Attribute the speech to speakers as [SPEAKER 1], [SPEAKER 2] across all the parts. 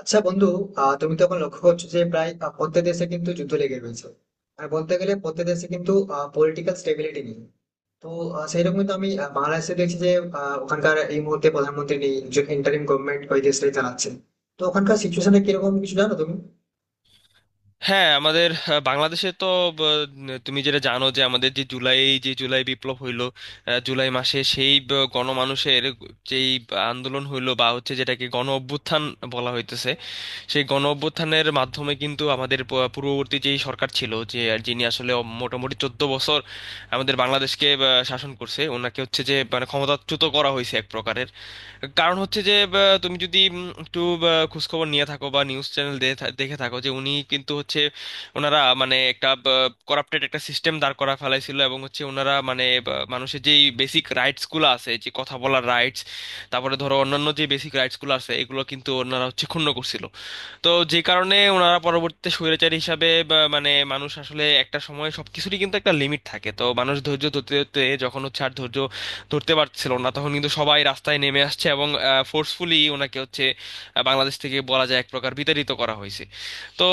[SPEAKER 1] আচ্ছা বন্ধু। তুমি তো এখন লক্ষ্য করছো যে প্রায় প্রত্যেক দেশে কিন্তু যুদ্ধ লেগে রয়েছে, আর বলতে গেলে প্রত্যেক দেশে কিন্তু পলিটিক্যাল স্টেবিলিটি নেই। তো সেইরকম কিন্তু আমি বাংলাদেশে দেখছি যে ওখানকার এই মুহূর্তে প্রধানমন্ত্রী নেই, একজন ইন্টারিম গভর্নমেন্ট ওই দেশটাই চালাচ্ছে। তো ওখানকার সিচুয়েশনটা কিরকম কিছু জানো তুমি?
[SPEAKER 2] হ্যাঁ, আমাদের বাংলাদেশে তো ব, তুমি যেটা জানো, যে আমাদের যে জুলাই বিপ্লব হইলো, জুলাই মাসে সেই গণমানুষের যেই আন্দোলন হইলো বা হচ্ছে, যেটাকে গণ অভ্যুত্থান বলা হইতেছে। সেই গণ অভ্যুত্থানের মাধ্যমে কিন্তু আমাদের পূর্ববর্তী যেই সরকার ছিল, যে যিনি আসলে মোটামুটি 14 বছর আমাদের বাংলাদেশকে শাসন করছে, ওনাকে হচ্ছে যে মানে ক্ষমতাচ্যুত করা হয়েছে এক প্রকারের। কারণ হচ্ছে যে তুমি যদি একটু খোঁজখবর নিয়ে থাকো বা নিউজ চ্যানেল দেখে থাকো, যে উনি কিন্তু হচ্ছে ওনারা মানে একটা করাপ্টেড একটা সিস্টেম দাঁড় করা ফেলাইছিল, এবং হচ্ছে ওনারা মানে মানুষের যেই বেসিক রাইটস গুলো আছে, যে কথা বলার রাইটস, তারপরে ধরো অন্যান্য যে বেসিক রাইটস গুলো আছে, এগুলো কিন্তু ওনারা হচ্ছে ক্ষুণ্ণ করছিল। তো যে কারণে ওনারা পরবর্তীতে স্বৈরাচারী হিসাবে বা মানে মানুষ আসলে একটা সময় সবকিছুরই কিন্তু একটা লিমিট থাকে, তো মানুষ ধৈর্য ধরতে ধরতে যখন হচ্ছে আর ধৈর্য ধরতে পারছিল না, তখন কিন্তু সবাই রাস্তায় নেমে আসছে এবং ফোর্সফুলি ওনাকে হচ্ছে বাংলাদেশ থেকে বলা যায় এক প্রকার বিতাড়িত করা হয়েছে। তো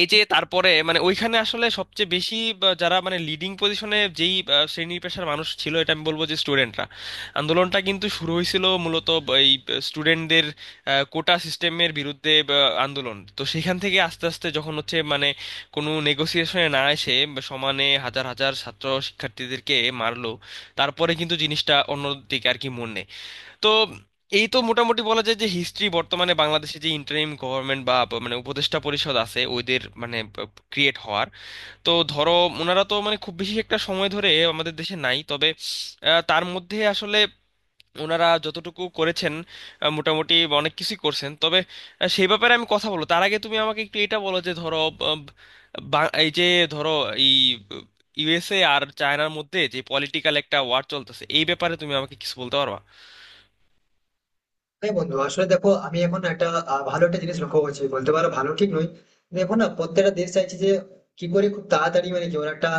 [SPEAKER 2] এই যে তারপরে মানে ওইখানে আসলে সবচেয়ে বেশি বা যারা মানে লিডিং পজিশনে, যেই শ্রেণী পেশার মানুষ ছিল, এটা আমি বলবো যে স্টুডেন্টরা। আন্দোলনটা কিন্তু শুরু হয়েছিল মূলত এই স্টুডেন্টদের কোটা সিস্টেমের বিরুদ্ধে বা, আন্দোলন। তো সেখান থেকে আস্তে আস্তে যখন হচ্ছে মানে কোনো নেগোসিয়েশনে না এসে বা সমানে হাজার হাজার ছাত্র শিক্ষার্থীদেরকে মারলো, তারপরে কিন্তু জিনিসটা অন্যদিকে আর কি মন নেয়। তো এই তো মোটামুটি বলা যায় যে হিস্ট্রি। বর্তমানে বাংলাদেশে যে ইন্টারিম গভর্নমেন্ট বা মানে উপদেষ্টা পরিষদ আছে, ওদের মানে ক্রিয়েট হওয়ার। তো ধরো, ওনারা তো মানে খুব বেশি একটা সময় ধরে আমাদের দেশে নাই, তবে তার মধ্যে আসলে ওনারা যতটুকু করেছেন মোটামুটি অনেক কিছুই করছেন। তবে সেই ব্যাপারে আমি কথা বলবো, তার আগে তুমি আমাকে একটু এটা বলো যে ধরো আহ, এই যে ধরো এই ইউএসএ আর চায়নার মধ্যে যে পলিটিক্যাল একটা ওয়ার চলতেছে, এই ব্যাপারে তুমি আমাকে কিছু বলতে পারবা?
[SPEAKER 1] হ্যাঁ বন্ধু, আসলে দেখো আমি এখন একটা ভালো একটা জিনিস লক্ষ্য করছি, বলতে পারো ভালো ঠিক নয়। দেখো না, প্রত্যেকটা দেশ চাইছে যে কি করে খুব তাড়াতাড়ি মানে কি ওরা একটা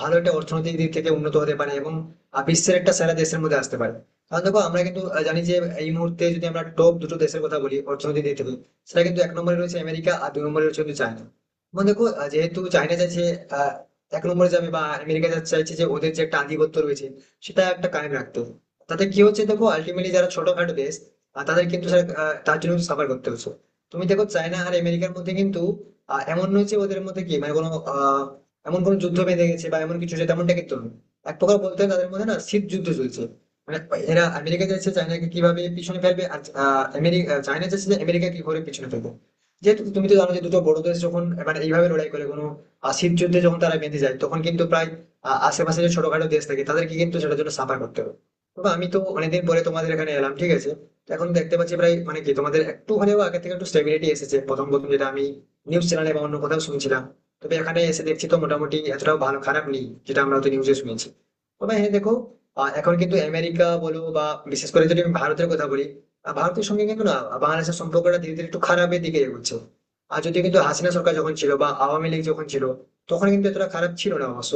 [SPEAKER 1] ভালো একটা অর্থনৈতিক দিক থেকে উন্নত হতে পারে এবং বিশ্বের একটা সেরা দেশের মধ্যে আসতে পারে। কারণ দেখো, আমরা কিন্তু জানি যে এই মুহূর্তে যদি আমরা টপ দুটো দেশের কথা বলি অর্থনৈতিক দিক থেকে, সেটা কিন্তু এক নম্বরে রয়েছে আমেরিকা আর দুই নম্বরে রয়েছে কিন্তু চায়না। এবং দেখো, যেহেতু চায়না চাইছে আহ, এক নম্বরে যাবে বা চাইছে যে ওদের যে একটা আধিপত্য রয়েছে সেটা একটা কায়েম রাখতে, তাতে কি হচ্ছে দেখো, আলটিমেটলি যারা ছোটখাটো দেশ আর তাদের কিন্তু স্যার তার জন্য সাফার করতে হচ্ছে। তুমি দেখো, চায়না আর আমেরিকার মধ্যে কিন্তু এমন নয় যে ওদের মধ্যে কি মানে কোনো আহ, এমন কোনো যুদ্ধ বেঁধে গেছে বা এমন কিছু, যে তেমনটা কিন্তু নয়। এক প্রকার বলতে হয় তাদের মধ্যে না শীত যুদ্ধ চলছে। মানে এরা আমেরিকা চাইছে চায়নাকে কিভাবে পিছনে ফেলবে, আর আমেরিকা চায়না চাইছে যে আমেরিকা কি করে পিছনে ফেলবে। যেহেতু তুমি তো জানো যে দুটো বড় দেশ যখন মানে এইভাবে লড়াই করে, কোনো শীত যুদ্ধে যখন তারা বেঁধে যায়, তখন কিন্তু প্রায় আশেপাশে যে ছোটখাটো দেশ থাকে তাদেরকে কিন্তু সেটার জন্য সাফার করতে হবে। তবে আমি তো অনেকদিন পরে তোমাদের এখানে এলাম, ঠিক আছে? তো এখন দেখতে পাচ্ছি প্রায় মানে কি তোমাদের একটু হলেও আগে থেকে একটু স্টেবিলিটি এসেছে, প্রথম প্রথম যেটা আমি নিউজ চ্যানেলে বা অন্য কোথাও শুনছিলাম, তবে এখানে এসে দেখছি তো মোটামুটি এতটাও ভালো খারাপ নেই যেটা আমরা হয়তো নিউজে শুনেছি। তবে হ্যাঁ দেখো, এখন কিন্তু আমেরিকা বলো বা বিশেষ করে যদি আমি ভারতের কথা বলি, ভারতের সঙ্গে কিন্তু না বাংলাদেশের সম্পর্কটা ধীরে ধীরে একটু খারাপের দিকে এগোচ্ছে। আর যদি কিন্তু হাসিনা সরকার যখন ছিল বা আওয়ামী লীগ যখন ছিল, তখন কিন্তু এতটা খারাপ ছিল না অবশ্য।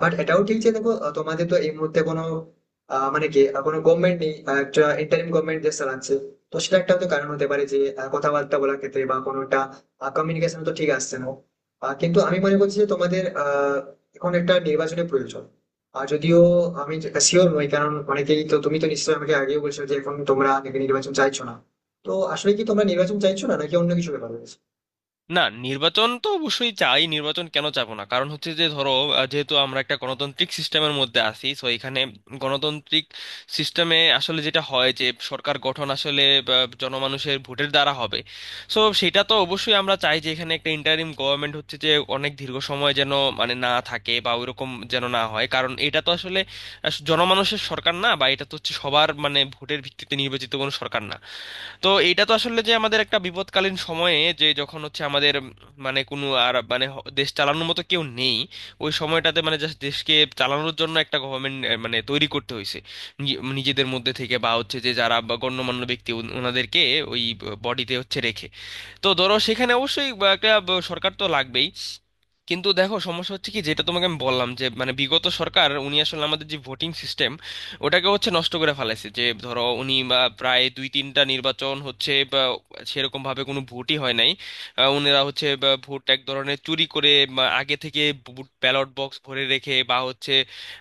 [SPEAKER 1] বাট এটাও ঠিক যে দেখো, তোমাদের তো এই মুহূর্তে কোনো মানে কি কোনো গভর্নমেন্ট নেই, একটা ইন্টারিম গভর্নমেন্ট যে চালাচ্ছে। তো সেটা একটা হয়তো কারণ হতে পারে যে কথাবার্তা বলার ক্ষেত্রে বা কোনোটা কমিউনিকেশন তো ঠিক আসছে না। কিন্তু আমি মনে করছি যে তোমাদের এখন একটা নির্বাচনের প্রয়োজন। আর যদিও আমি শিওর নই, কারণ অনেকেই তো তুমি তো নিশ্চয়ই আমাকে আগেও বলছো যে এখন তোমরা নাকি নির্বাচন চাইছো না। তো আসলে কি তোমরা নির্বাচন চাইছো না, নাকি অন্য কিছু ব্যাপার রয়েছে?
[SPEAKER 2] না, নির্বাচন তো অবশ্যই চাই। নির্বাচন কেন চাবো না? কারণ হচ্ছে যে ধরো যেহেতু আমরা একটা গণতান্ত্রিক সিস্টেমের মধ্যে আছি, সো এখানে গণতান্ত্রিক সিস্টেমে আসলে যেটা হয় যে সরকার গঠন আসলে জনমানুষের ভোটের দ্বারা হবে। সো সেটা তো অবশ্যই আমরা চাই যে এখানে একটা ইন্টারিম গভর্নমেন্ট হচ্ছে যে অনেক দীর্ঘ সময় যেন মানে না থাকে বা ওইরকম যেন না হয়, কারণ এটা তো আসলে জনমানুষের সরকার না, বা এটা তো হচ্ছে সবার মানে ভোটের ভিত্তিতে নির্বাচিত কোনো সরকার না। তো এইটা তো আসলে যে আমাদের একটা বিপদকালীন সময়ে যে যখন হচ্ছে আমাদের মানে কোনো আর মানে দেশ চালানোর মতো কেউ নেই, ওই সময়টাতে মানে জাস্ট দেশকে চালানোর জন্য একটা গভর্নমেন্ট মানে তৈরি করতে হয়েছে নিজেদের মধ্যে থেকে, বা হচ্ছে যে যারা বা গণ্যমান্য ব্যক্তি ওনাদেরকে ওই বডিতে হচ্ছে রেখে। তো ধরো সেখানে অবশ্যই বা একটা সরকার তো লাগবেই। কিন্তু দেখো সমস্যা হচ্ছে কি, যেটা তোমাকে আমি বললাম যে মানে বিগত সরকার উনি আসলে আমাদের যে ভোটিং সিস্টেম, ওটাকে হচ্ছে নষ্ট করে ফেলাইছে। যে ধরো উনি বা প্রায় দুই তিনটা নির্বাচন হচ্ছে বা সেরকম ভাবে কোনো ভোটই হয় নাই। উনারা হচ্ছে বা ভোট এক ধরনের চুরি করে বা আগে থেকে ভোট ব্যালট বক্স ভরে রেখে বা হচ্ছে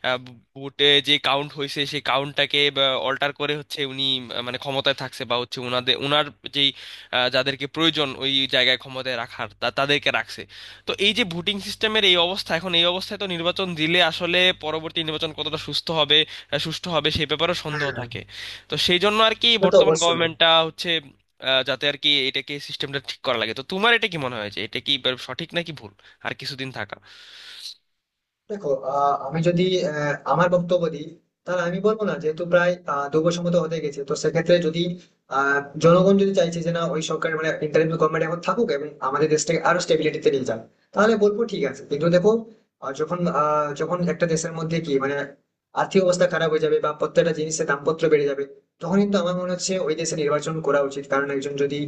[SPEAKER 2] আহ, ভোটে যে কাউন্ট হয়েছে সেই কাউন্টটাকে অল্টার করে হচ্ছে উনি মানে ক্ষমতায় থাকছে। বা হচ্ছে উনাদের উনার যেই যাদেরকে প্রয়োজন ওই জায়গায় ক্ষমতায় রাখার, তাদেরকে রাখছে। তো এই যে ভোটিং সিস্টেমের এই অবস্থা, এখন এই অবস্থায় তো নির্বাচন দিলে আসলে পরবর্তী নির্বাচন কতটা সুস্থ হবে সুষ্ঠু হবে সেই ব্যাপারেও সন্দেহ
[SPEAKER 1] হ্যাঁ।
[SPEAKER 2] থাকে। তো সেই জন্য আর কি
[SPEAKER 1] সেটা তো
[SPEAKER 2] বর্তমান
[SPEAKER 1] অবশ্যই।
[SPEAKER 2] গভর্নমেন্টটা হচ্ছে যাতে আর কি এটাকে সিস্টেমটা ঠিক করা লাগে। তো তোমার এটা কি মনে হয় যে এটা কি সঠিক নাকি ভুল আর কিছুদিন থাকা?
[SPEAKER 1] দেখো আমি যদি আমার বক্তব্য দিই, তাহলে আমি বলবো না, যেহেতু প্রায় 2 বছর মতো হতে গেছে, তো সেক্ষেত্রে যদি আহ, জনগণ যদি চাইছে যে না ওই সরকার মানে ইন্টারিম গভর্নমেন্ট এখন থাকুক এবং আমাদের দেশটাকে আরো স্টেবিলিটিতে নিয়ে যাক, তাহলে বলবো ঠিক আছে। কিন্তু দেখো, যখন একটা দেশের মধ্যে কি মানে আর্থিক অবস্থা খারাপ হয়ে যাবে বা প্রত্যেকটা জিনিসের দামপত্র বেড়ে যাবে, তখন কিন্তু আমার মনে হচ্ছে ওই দেশে নির্বাচন করা উচিত, কারণ একজন যদি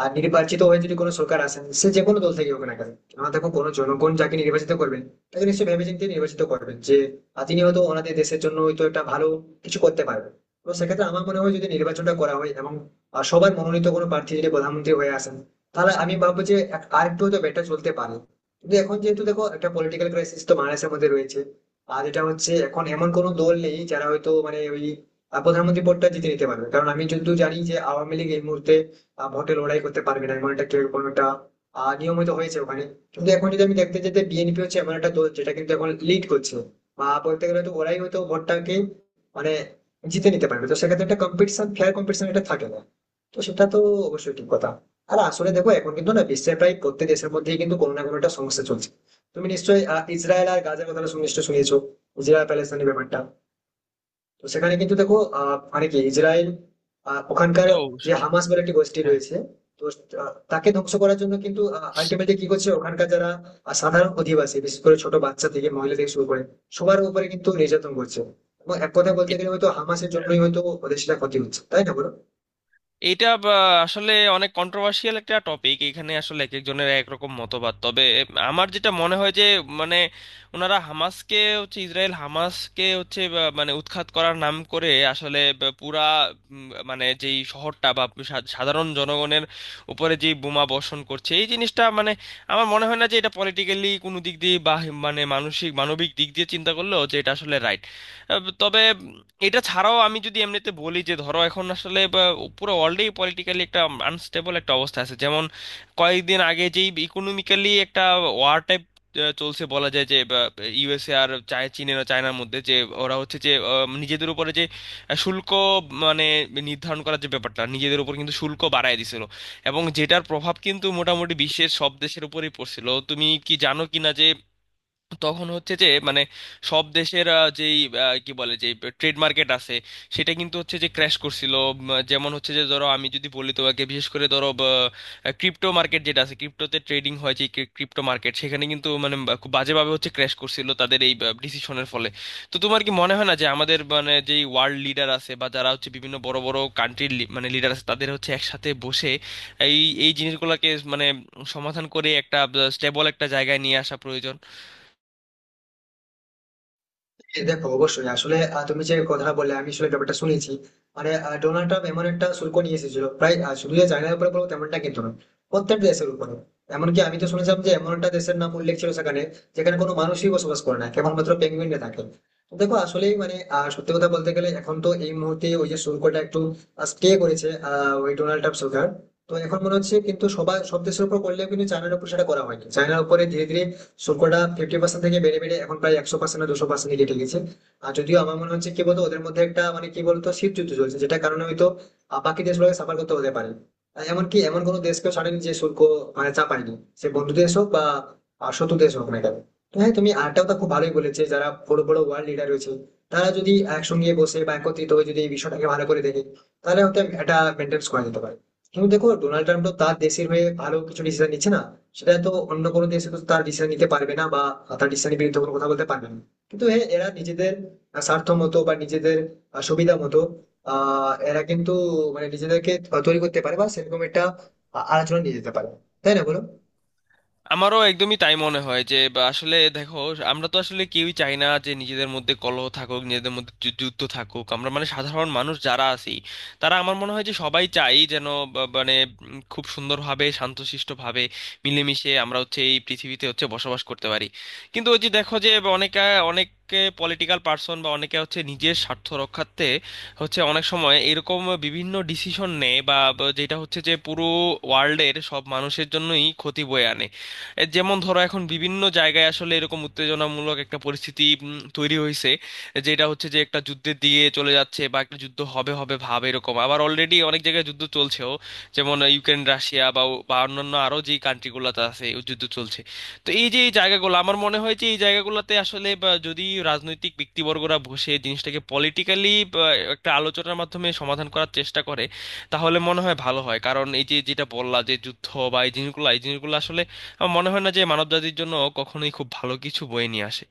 [SPEAKER 1] নির্বাচিত হয়ে যদি কোনো সরকার আসেন সে যে কোনো দল থেকে হোক না কেন, কেননা দেখো, কোনো জনগণ যাকে নির্বাচিত করবেন তাকে নিশ্চয়ই ভেবেচিন্তে নির্বাচিত করবেন যে তিনি হয়তো ওনাদের দেশের জন্য হয়তো একটা ভালো কিছু করতে পারবেন। তো সেক্ষেত্রে আমার মনে হয় যদি নির্বাচনটা করা হয় এবং সবার মনোনীত কোনো প্রার্থী যদি প্রধানমন্ত্রী হয়ে আসেন, তাহলে আমি ভাববো যে আরেকটু হয়তো বেটার চলতে পারে। কিন্তু এখন যেহেতু দেখো, একটা পলিটিক্যাল ক্রাইসিস তো বাংলাদেশের মধ্যে রয়েছে, আর এটা হচ্ছে এখন এমন কোনো দল নেই যারা হয়তো মানে ওই প্রধানমন্ত্রী পদটা জিতে নিতে পারবে, কারণ আমি যদিও জানি যে আওয়ামী লীগ এই মুহূর্তে ভোটে লড়াই করতে পারবে না, এমন একটা কোনো একটা নিয়ম হয়তো হয়েছে ওখানে। কিন্তু এখন যদি আমি দেখতে চাই যে বিএনপি হচ্ছে এমন একটা দল যেটা কিন্তু এখন লিড করছে, বা বলতে গেলে তো ওরাই হয়তো ভোটটাকে মানে জিতে নিতে পারবে, তো সেক্ষেত্রে একটা কম্পিটিশন, ফেয়ার কম্পিটিশন এটা থাকে না। তো সেটা তো অবশ্যই ঠিক কথা। আর আসলে দেখো, এখন কিন্তু না বিশ্বের প্রায় প্রত্যেক দেশের মধ্যেই কিন্তু কোনো না কোনো একটা সমস্যা চলছে। তুমি নিশ্চয়ই ইসরায়েল আর গাজার কথাটা নিশ্চয়ই শুনেছো, ইসরায়েল প্যালেস্তানের ব্যাপারটা। তো সেখানে কিন্তু দেখো, আহ মানে কি ইসরায়েল
[SPEAKER 2] এটা
[SPEAKER 1] ওখানকার
[SPEAKER 2] তো
[SPEAKER 1] যে হামাস বলে একটি গোষ্ঠী রয়েছে, তো তাকে ধ্বংস করার জন্য কিন্তু
[SPEAKER 2] হ্যাঁ।
[SPEAKER 1] আলটিমেটলি কি করছে, ওখানকার যারা সাধারণ অধিবাসী বিশেষ করে ছোট বাচ্চা থেকে মহিলা থেকে শুরু করে সবার উপরে কিন্তু নির্যাতন করছে। এবং এক কথা বলতে গেলে হয়তো হামাসের জন্যই হয়তো ওদের সেটা ক্ষতি হচ্ছে, তাই না বলো?
[SPEAKER 2] এইটা বা আসলে অনেক কন্ট্রোভার্সিয়াল একটা টপিক। এখানে আসলে এক একজনের এক রকম মতবাদ। তবে আমার যেটা মনে হয় যে মানে ওনারা হামাসকে হচ্ছে ইসরায়েল হামাসকে হচ্ছে বা মানে উৎখাত করার নাম করে আসলে বা পুরা মানে যেই শহরটা বা সাধারণ জনগণের উপরে যে বোমা বর্ষণ করছে, এই জিনিসটা মানে আমার মনে হয় না যে এটা পলিটিক্যালি কোনো দিক দিয়ে বা মানে মানসিক মানবিক দিক দিয়ে চিন্তা করলেও যে এটা আসলে রাইট। তবে এটা ছাড়াও আমি যদি এমনিতে বলি যে ধরো এখন আসলে বা পুরো ওয়ার্ল্ডেই পলিটিক্যালি একটা আনস্টেবল একটা অবস্থা আছে। যেমন কয়েকদিন আগে যেই ইকোনমিক্যালি একটা ওয়ার টাইপ চলছে বলা যায় যে ইউএসএ আর চায় চীনের আর চায়নার মধ্যে যে ওরা হচ্ছে যে নিজেদের উপরে যে শুল্ক মানে নির্ধারণ করার যে ব্যাপারটা, নিজেদের উপর কিন্তু শুল্ক বাড়ায় দিছিল, এবং যেটার প্রভাব কিন্তু মোটামুটি বিশ্বের সব দেশের উপরেই পড়ছিল। তুমি কি জানো কিনা যে তখন হচ্ছে যে মানে সব দেশের যেই কি বলে যে ট্রেড মার্কেট আছে, সেটা কিন্তু হচ্ছে যে ক্র্যাশ করছিল। যেমন হচ্ছে যে ধরো আমি যদি বলি তোমাকে, বিশেষ করে ধরো ক্রিপ্টো মার্কেট যেটা আছে, ক্রিপ্টোতে ট্রেডিং হয় যে ক্রিপ্টো মার্কেট, সেখানে কিন্তু মানে খুব বাজেভাবে হচ্ছে ক্র্যাশ করছিল তাদের এই ডিসিশনের ফলে। তো তোমার কি মনে হয় না যে আমাদের মানে যেই ওয়ার্ল্ড লিডার আছে বা যারা হচ্ছে বিভিন্ন বড় বড় কান্ট্রির মানে লিডার আছে, তাদের হচ্ছে একসাথে বসে এই এই জিনিসগুলোকে মানে সমাধান করে একটা স্টেবল একটা জায়গায় নিয়ে আসা প্রয়োজন?
[SPEAKER 1] হ্যাঁ, দেখো অবশ্যই। আসলে তুমি যে কথাটা বললে আমি আসলে ব্যাপারটা শুনেছি। মানে ডোনাল্ড ট্রাম্প এমন একটা শুল্ক নিয়ে এসেছিল প্রায় শুধু যে চায়নার উপরে বলবো তেমনটা কিন্তু না, প্রত্যেক দেশের উপরে। এমনকি আমি তো শুনেছিলাম যে এমন একটা দেশের নাম উল্লেখ ছিল সেখানে, যেখানে কোনো মানুষই বসবাস করে না, কেবলমাত্র পেঙ্গুইনরা থাকে। তো দেখো আসলেই মানে সত্যি কথা বলতে গেলে এখন তো এই মুহূর্তে ওই যে শুল্কটা একটু স্টে করেছে ওই ডোনাল্ড ট্রাম্প সরকার। তো এখন মনে হচ্ছে কিন্তু সবাই সব দেশের উপর করলেও কিন্তু চায়নার উপর সেটা করা হয়নি, চায়নার উপরে ধীরে ধীরে শুল্কটা 50% থেকে বেড়ে বেড়ে এখন প্রায় 100%, 200% কেটে গেছে। আর যদিও আমার মনে হচ্ছে কি বলতো ওদের মধ্যে একটা মানে কি বলতো শীত যুদ্ধ চলছে, যেটা কারণে হয়তো বাকি দেশগুলোকে সাফার করতে হতে পারে। এমনকি এমন কোনো দেশকেও ছাড়েনি যে শুল্ক মানে চাপায়নি, সে বন্ধু দেশ হোক বা শত্রু দেশ হোক না কেন। তো হ্যাঁ তুমি আরটা কথা খুব ভালোই বলেছে, যারা বড় বড় ওয়ার্ল্ড লিডার রয়েছে, তারা যদি একসঙ্গে বসে বা একত্রিত হয়ে যদি এই বিষয়টাকে ভালো করে দেখে, তাহলে হয়তো এটা মেনটেন করা যেতে পারে। কিন্তু দেখো ডোনাল্ড ট্রাম্প তো তার দেশের হয়ে ভালো কিছু ডিসিশন নিচ্ছে না, সেটা তো অন্য কোনো দেশে তো তার ডিসিশন নিতে পারবে না, বা তার ডিসিশনের বিরুদ্ধে কোনো কথা বলতে পারবে না। কিন্তু হ্যাঁ, এরা নিজেদের স্বার্থ মতো বা নিজেদের সুবিধা মতো এরা কিন্তু মানে নিজেদেরকে তৈরি করতে পারে বা সেরকম একটা আলোচনা নিয়ে যেতে পারে, তাই না বলো?
[SPEAKER 2] আমারও একদমই তাই মনে হয় যে বা আসলে দেখো আমরা তো আসলে কেউই চাই না যে নিজেদের মধ্যে কলহ থাকুক, নিজেদের মধ্যে যুদ্ধ থাকুক। আমরা মানে সাধারণ মানুষ যারা আছি, তারা আমার মনে হয় যে সবাই চাই যেন মানে খুব সুন্দরভাবে শান্তশিষ্টভাবে মিলেমিশে আমরা হচ্ছে এই পৃথিবীতে হচ্ছে বসবাস করতে পারি। কিন্তু ওই যে দেখো যে অনেকে অনেকে পলিটিক্যাল পার্সন বা অনেকে হচ্ছে নিজের স্বার্থ রক্ষার্থে হচ্ছে অনেক সময় এরকম বিভিন্ন ডিসিশন নেয় বা বা যেটা হচ্ছে যে পুরো ওয়ার্ল্ডের সব মানুষের জন্যই ক্ষতি বয়ে আনে। যেমন ধরো এখন বিভিন্ন জায়গায় আসলে এরকম উত্তেজনামূলক একটা পরিস্থিতি তৈরি হয়েছে, যেটা হচ্ছে যে একটা যুদ্ধের দিকে চলে যাচ্ছে বা একটা যুদ্ধ হবে হবে ভাব এরকম, আবার অলরেডি অনেক জায়গায় যুদ্ধ চলছেও। যেমন ইউক্রেন রাশিয়া বা ও- বা অন্যান্য আরো যে কান্ট্রিগুলোতে আছে ও যুদ্ধ চলছে। তো এই যে এই জায়গাগুলো, আমার মনে হয় যে এই জায়গাগুলোতে আসলে বা, যদি রাজনৈতিক ব্যক্তিবর্গরা বসে জিনিসটাকে পলিটিক্যালি একটা আলোচনার মাধ্যমে সমাধান করার চেষ্টা করে তাহলে মনে হয় ভালো হয়। কারণ এই যে যেটা বললা, যে যুদ্ধ বা এই জিনিসগুলো, এই জিনিসগুলো আসলে আমার মনে হয় না যে মানবজাতির জন্য কখনোই খুব ভালো কিছু বয়ে নিয়ে আসে।